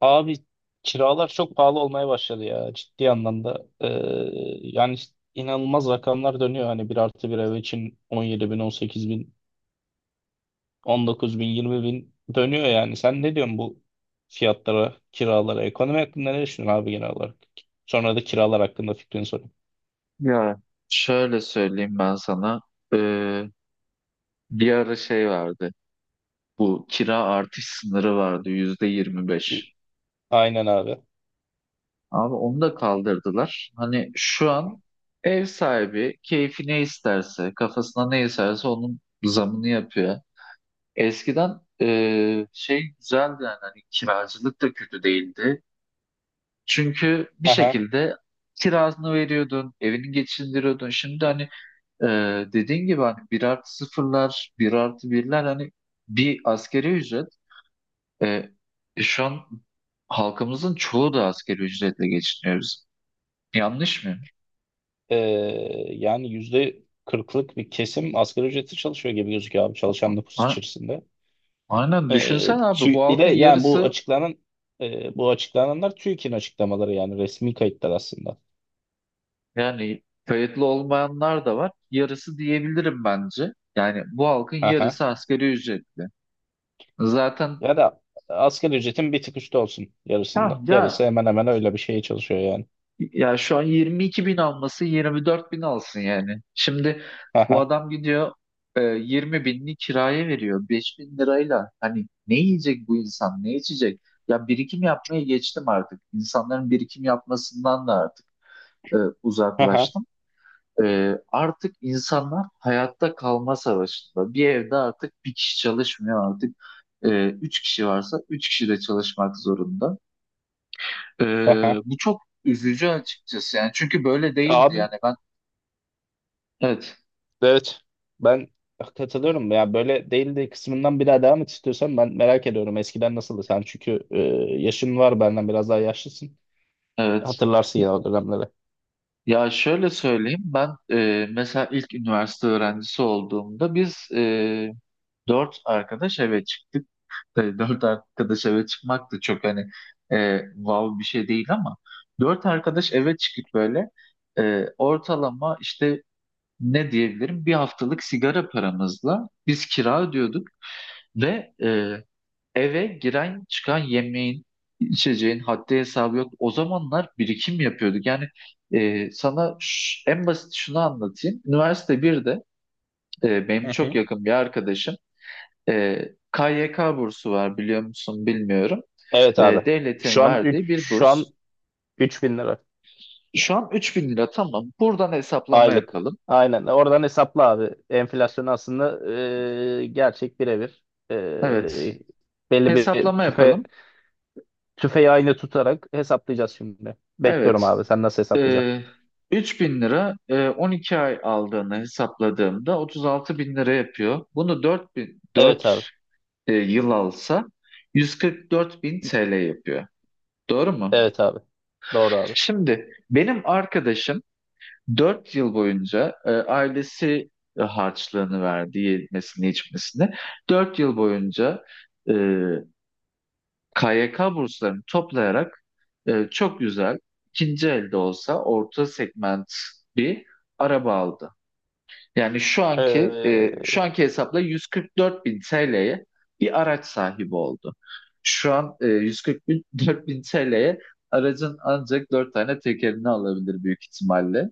Abi kiralar çok pahalı olmaya başladı ya ciddi anlamda. Yani işte inanılmaz rakamlar dönüyor. Hani bir artı bir ev için 17 bin, 18 bin, 19 bin, 20 bin dönüyor yani. Sen ne diyorsun bu fiyatlara, kiralara? Ekonomi hakkında ne düşünüyorsun abi genel olarak? Sonra da kiralar hakkında fikrini sorayım. Ya şöyle söyleyeyim ben sana. Ee, Bir ara şey vardı. Bu kira artış sınırı vardı yüzde yirmi İ- beş. Aynen abi. Abi onu da kaldırdılar. Hani şu an ev sahibi keyfi ne isterse, kafasına ne isterse onun zamını yapıyor. Eskiden şey güzeldi yani hani kiracılık da kötü değildi. Çünkü bir Aha. şekilde kirasını veriyordun, evini geçindiriyordun. Şimdi hani, dediğin gibi hani bir artı sıfırlar, bir artı birler hani bir askeri ücret. Ee, Şu an halkımızın çoğu da askeri ücretle geçiniyoruz. Yanlış mı? Ee, yani yüzde kırklık bir kesim asgari ücretli çalışıyor gibi gözüküyor abi çalışan nüfus A- içerisinde. Aynen, düşünsen abi bu Bir de halkın yani bu yarısı, açıklanan, bu açıklananlar TÜİK'in açıklamaları yani resmi kayıtlar aslında. yani kayıtlı olmayanlar da var. Yarısı diyebilirim bence. Yani bu halkın Aha. yarısı askeri ücretli. Zaten, Ya da asgari ücretin bir tık üstü olsun. Yarısında, ha, ya yarısı hemen hemen öyle bir şeye çalışıyor yani. Ya şu an 22 bin alması 24 bin alsın yani. Şimdi bu Aha. adam gidiyor, 20 binini kiraya veriyor. 5 bin lirayla hani ne yiyecek bu insan, ne içecek? Ya birikim yapmaya geçtim artık. İnsanların birikim yapmasından da artık e, Aha. uzaklaştım. Artık insanlar hayatta kalma savaşında. Bir evde artık bir kişi çalışmıyor artık. Üç kişi varsa üç kişi de çalışmak zorunda. Aha. Bu çok üzücü açıkçası yani çünkü böyle değildi Abi yani ben. Evet, evet, ben katılıyorum ya, böyle değil de kısmından bir daha devam et istiyorsan ben merak ediyorum, eskiden nasıldı sen çünkü yaşın var, benden biraz daha yaşlısın. evet. Hatırlarsın ya o dönemleri. Ya şöyle söyleyeyim ben, mesela ilk üniversite öğrencisi olduğumda biz, dört arkadaş eve çıktık. Tabii dört arkadaş eve çıkmak da çok hani, wow bir şey değil ama dört arkadaş eve çıkıp böyle, ortalama işte, ne diyebilirim, bir haftalık sigara paramızla biz kira ödüyorduk ve eve giren çıkan yemeğin, içeceğin haddi hesabı yok. O zamanlar birikim yapıyorduk. Yani, sana en basit şunu anlatayım. Üniversite birde, Hı benim çok hı. yakın bir arkadaşım, e, KYK bursu var biliyor musun bilmiyorum. Evet abi. Şu Devletin an verdiği üç bir şu an burs. 3.000 lira Şu an 3000 lira, tamam. Buradan hesaplama aylık. yapalım. Aynen. Oradan hesapla abi. Enflasyon aslında gerçek birebir. Evet. E, belli bir Hesaplama tüfe yapalım. tüfeği aynı tutarak hesaplayacağız şimdi. Bekliyorum Evet. abi. Sen nasıl hesaplayacaksın? Ee, Üç bin lira, 12 ay aldığını hesapladığımda 36 bin lira yapıyor. Bunu Evet abi. 4 yıl alsa 144 bin TL yapıyor. Doğru mu? Evet abi. Doğru Şimdi benim arkadaşım 4 yıl boyunca, ailesi harçlığını verdi, yemesini, içmesini. 4 yıl boyunca KYK burslarını toplayarak, çok güzel, ikinci elde olsa orta segment bir araba aldı. Yani şu anki e, abi. şu anki hesapla 144 bin TL'ye bir araç sahibi oldu. Şu an, 144 bin TL'ye aracın ancak dört tane tekerini alabilir büyük ihtimalle.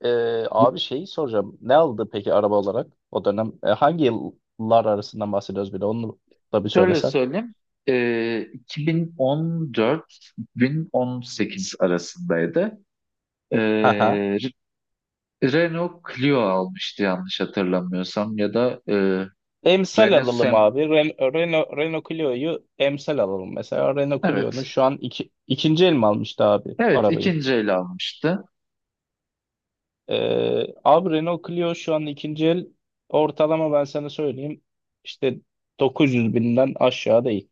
Abi şeyi soracağım. Ne aldı peki araba olarak o dönem? Hangi yıllar arasından bahsediyoruz, bir de onu da bir Şöyle söylesen. söyleyeyim. 2014-2018 arasındaydı. E, Haha. Renault Clio almıştı yanlış hatırlamıyorsam ya da, Emsal Renault alalım Sem, abi. Renault Clio'yu emsal alalım. Mesela Renault Clio'nun evet, şu an ikinci el mi almıştı abi evet, arabayı? ikinci el almıştı. Abi Renault Clio şu an ikinci el ortalama, ben sana söyleyeyim. İşte 900 binden aşağı değil.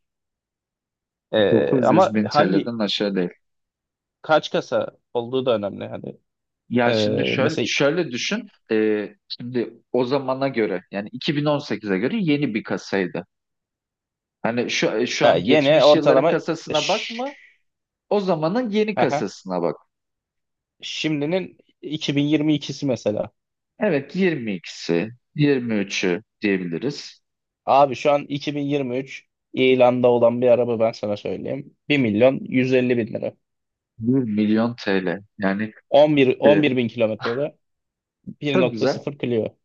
Ama 900 bin hangi TL'den aşağı değil. kaç kasa olduğu da önemli. Hani, Ya şimdi şöyle, mesela. şöyle düşün, şimdi o zamana göre yani 2018'e göre yeni bir kasaydı. Hani şu Ha, an Yeni geçmiş yılların ortalama, e, kasasına Ş- bakma, o zamanın yeni aha. kasasına bak. Şimdinin 2022'si mesela. Evet, 22'si 23'ü diyebiliriz. Abi şu an 2023 ilanda olan bir araba, ben sana söyleyeyim. Bir milyon 150 bin lira. Bir milyon TL yani, 11, e, 11 bin kilometrede çok güzel. 1.0 Clio.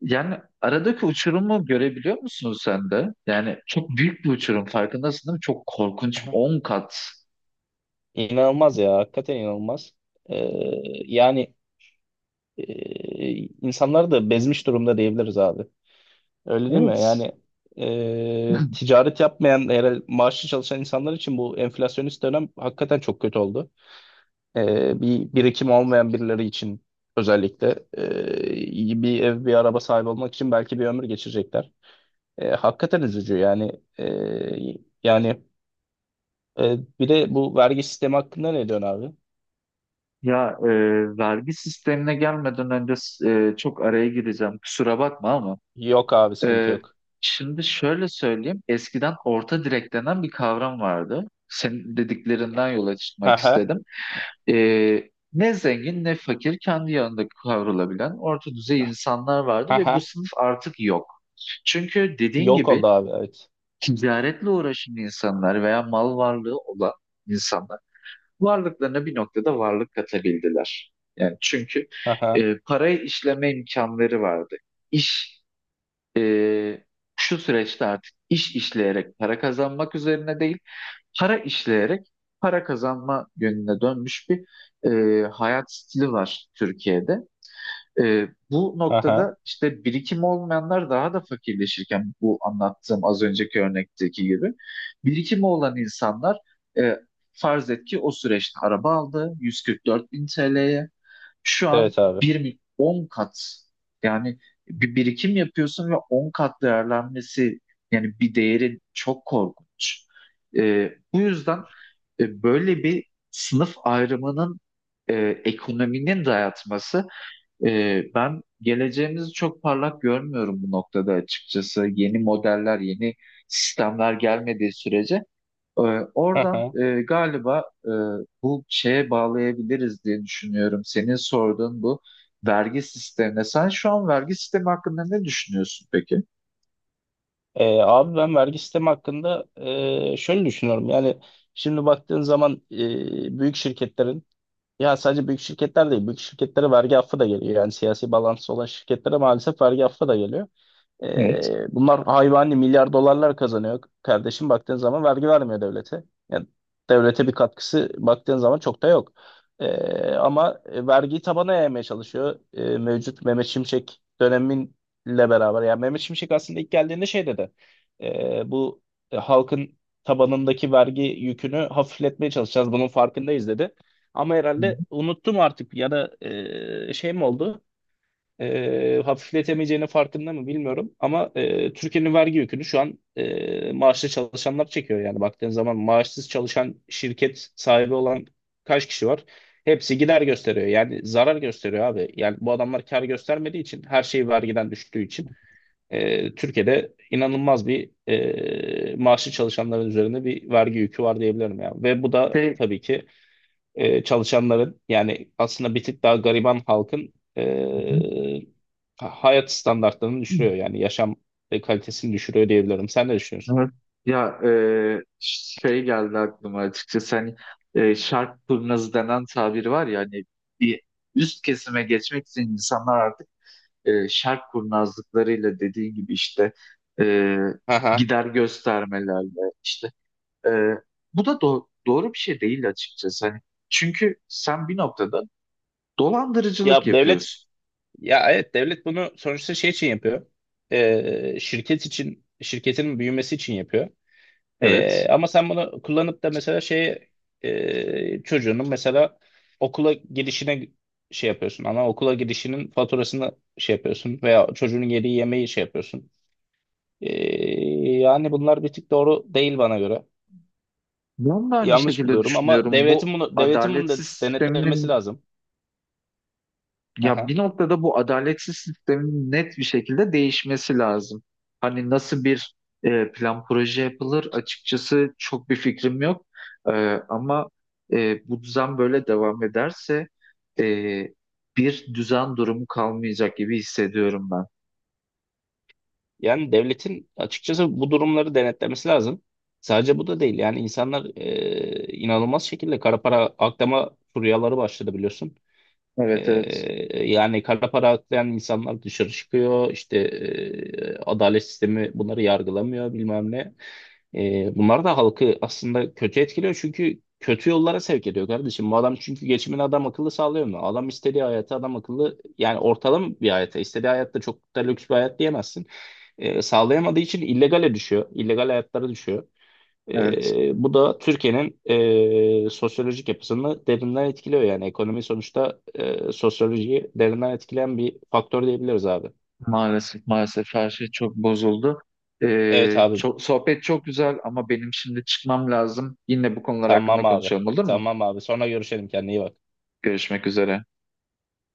Yani aradaki uçurumu görebiliyor musun sen de? Yani çok büyük bir uçurum, farkındasın değil mi? Çok korkunç, Aha. 10 kat. İnanılmaz ya. Hakikaten inanılmaz. Ee, yani, insanları da bezmiş durumda diyebiliriz abi. Öyle değil mi? Evet. Yani, ticaret yapmayan, eğer maaşlı çalışan insanlar için bu enflasyonist dönem hakikaten çok kötü oldu. Bir birikim olmayan birileri için özellikle iyi bir ev, bir araba sahibi olmak için belki bir ömür geçirecekler. Hakikaten üzücü yani. E, yani, bir de bu vergi sistemi hakkında ne diyorsun abi? Ya, vergi sistemine gelmeden önce, çok araya gireceğim. Kusura bakma ama. Yok abi, sıkıntı E, yok. şimdi şöyle söyleyeyim. Eskiden orta direk denen bir kavram vardı. Senin dediklerinden yola Hı çıkmak hı, istedim. Ne zengin ne fakir, kendi yanında kavrulabilen orta düzey insanlar hı vardı ve bu hı. sınıf artık yok. Çünkü dediğin Yok gibi oldu abi, evet. ticaretle uğraşan insanlar veya mal varlığı olan insanlar varlıklarına bir noktada varlık katabildiler. Yani çünkü, Hı hı, parayı işleme imkanları vardı. İş e, Şu süreçte artık iş işleyerek para kazanmak üzerine değil, para işleyerek para kazanma yönüne dönmüş bir, hayat stili var Türkiye'de. Bu hı hı. noktada işte birikim olmayanlar daha da fakirleşirken, bu anlattığım az önceki örnekteki gibi birikimi olan insanlar, e, farz et ki o süreçte araba aldı 144 bin TL'ye, şu an Evet abi. bir 10 kat yani, bir birikim yapıyorsun ve 10 kat değerlenmesi, yani bir değerin çok korkunç. Bu yüzden, böyle bir sınıf ayrımının, e, ekonominin dayatması, ben geleceğimizi çok parlak görmüyorum bu noktada açıkçası. Yeni modeller, yeni sistemler gelmediği sürece, ee, Hı oradan, hı. Galiba, bu şeye bağlayabiliriz diye düşünüyorum. Senin sorduğun bu vergi sistemine. Sen şu an vergi sistemi hakkında ne düşünüyorsun peki? Abi ben vergi sistemi hakkında şöyle düşünüyorum. Yani şimdi baktığın zaman büyük şirketlerin... Ya, sadece büyük şirketler değil, büyük şirketlere vergi affı da geliyor. Yani siyasi bağlantısı olan şirketlere maalesef vergi affı da geliyor. Evet. Bunlar hayvani milyar dolarlar kazanıyor kardeşim, baktığın zaman vergi vermiyor devlete. Yani devlete bir katkısı, baktığın zaman çok da yok. Ama vergiyi tabana yaymaya çalışıyor. Mevcut Mehmet Şimşek döneminle beraber. Yani Mehmet Şimşek aslında ilk geldiğinde şey dedi. Bu halkın tabanındaki vergi yükünü hafifletmeye çalışacağız, bunun farkındayız dedi. Ama Hı herhalde hı. unuttum artık, ya da şey mi oldu? Hafifletemeyeceğinin farkında mı bilmiyorum, ama Türkiye'nin vergi yükünü şu an maaşlı çalışanlar çekiyor. Yani baktığın zaman maaşsız çalışan şirket sahibi olan kaç kişi var? Hepsi gider gösteriyor, yani zarar gösteriyor abi. Yani bu adamlar kar göstermediği için, her şey vergiden düştüğü için Türkiye'de inanılmaz bir, maaşlı çalışanların üzerinde bir vergi yükü var diyebilirim ya. Ve bu da Şey. tabii ki çalışanların, yani aslında bir tık daha gariban halkın Hı hı. hayat standartlarını düşürüyor. Yani yaşam kalitesini düşürüyor diyebilirim. Sen ne düşünüyorsun? Evet. Ya, şey geldi aklıma açıkçası, hani, şark turnazı denen tabiri var ya, hani bir üst kesime geçmek için insanlar artık, şark kurnazlıklarıyla dediği gibi işte, e, Aha. gider göstermelerle işte. Ee, Bu da doğru bir şey değil açıkçası. Hani çünkü sen bir noktada dolandırıcılık Ya devlet yapıyorsun. ya evet devlet bunu sonuçta şey için yapıyor. E, şirket için, şirketin büyümesi için yapıyor. E, Evet. ama sen bunu kullanıp da mesela şey, çocuğunun mesela okula girişine şey yapıyorsun. Ana okula girişinin faturasını şey yapıyorsun veya çocuğun yediği yemeği şey yapıyorsun. Ee, yani bunlar bir tık doğru değil bana göre. Ben de aynı Yanlış şekilde buluyorum, ama düşünüyorum. Bu devletin bunu adaletsiz denetlemesi sisteminin lazım. ya Aha. bir noktada bu adaletsiz sistemin net bir şekilde değişmesi lazım. Hani nasıl bir, plan proje yapılır açıkçası çok bir fikrim yok. Ee, Ama, bu düzen böyle devam ederse, e, bir düzen durumu kalmayacak gibi hissediyorum ben. Yani devletin açıkçası bu durumları denetlemesi lazım. Sadece bu da değil. Yani insanlar inanılmaz şekilde kara para aklama furyaları başladı, biliyorsun. Ee, Evet, evet, yani kara para aklayan insanlar dışarı çıkıyor. İşte adalet sistemi bunları yargılamıyor, bilmem ne. Bunlar da halkı aslında kötü etkiliyor, çünkü kötü yollara sevk ediyor kardeşim. Bu adam çünkü geçimini adam akıllı sağlıyor mu? Adam istediği hayatı adam akıllı, yani ortalama bir hayata, istediği hayatta, çok da lüks bir hayat diyemezsin. Sağlayamadığı için illegale düşüyor. İllegal hayatlara düşüyor. evet. E, bu da Türkiye'nin sosyolojik yapısını derinden etkiliyor. Yani ekonomi sonuçta sosyolojiyi derinden etkileyen bir faktör diyebiliriz abi. Maalesef, maalesef, her şey çok bozuldu. Evet Ee, abi, çok, sohbet çok güzel ama benim şimdi çıkmam lazım. Yine bu konular tamam hakkında abi, konuşalım, olur mu? tamam abi, sonra görüşelim, kendine iyi bak. Görüşmek üzere.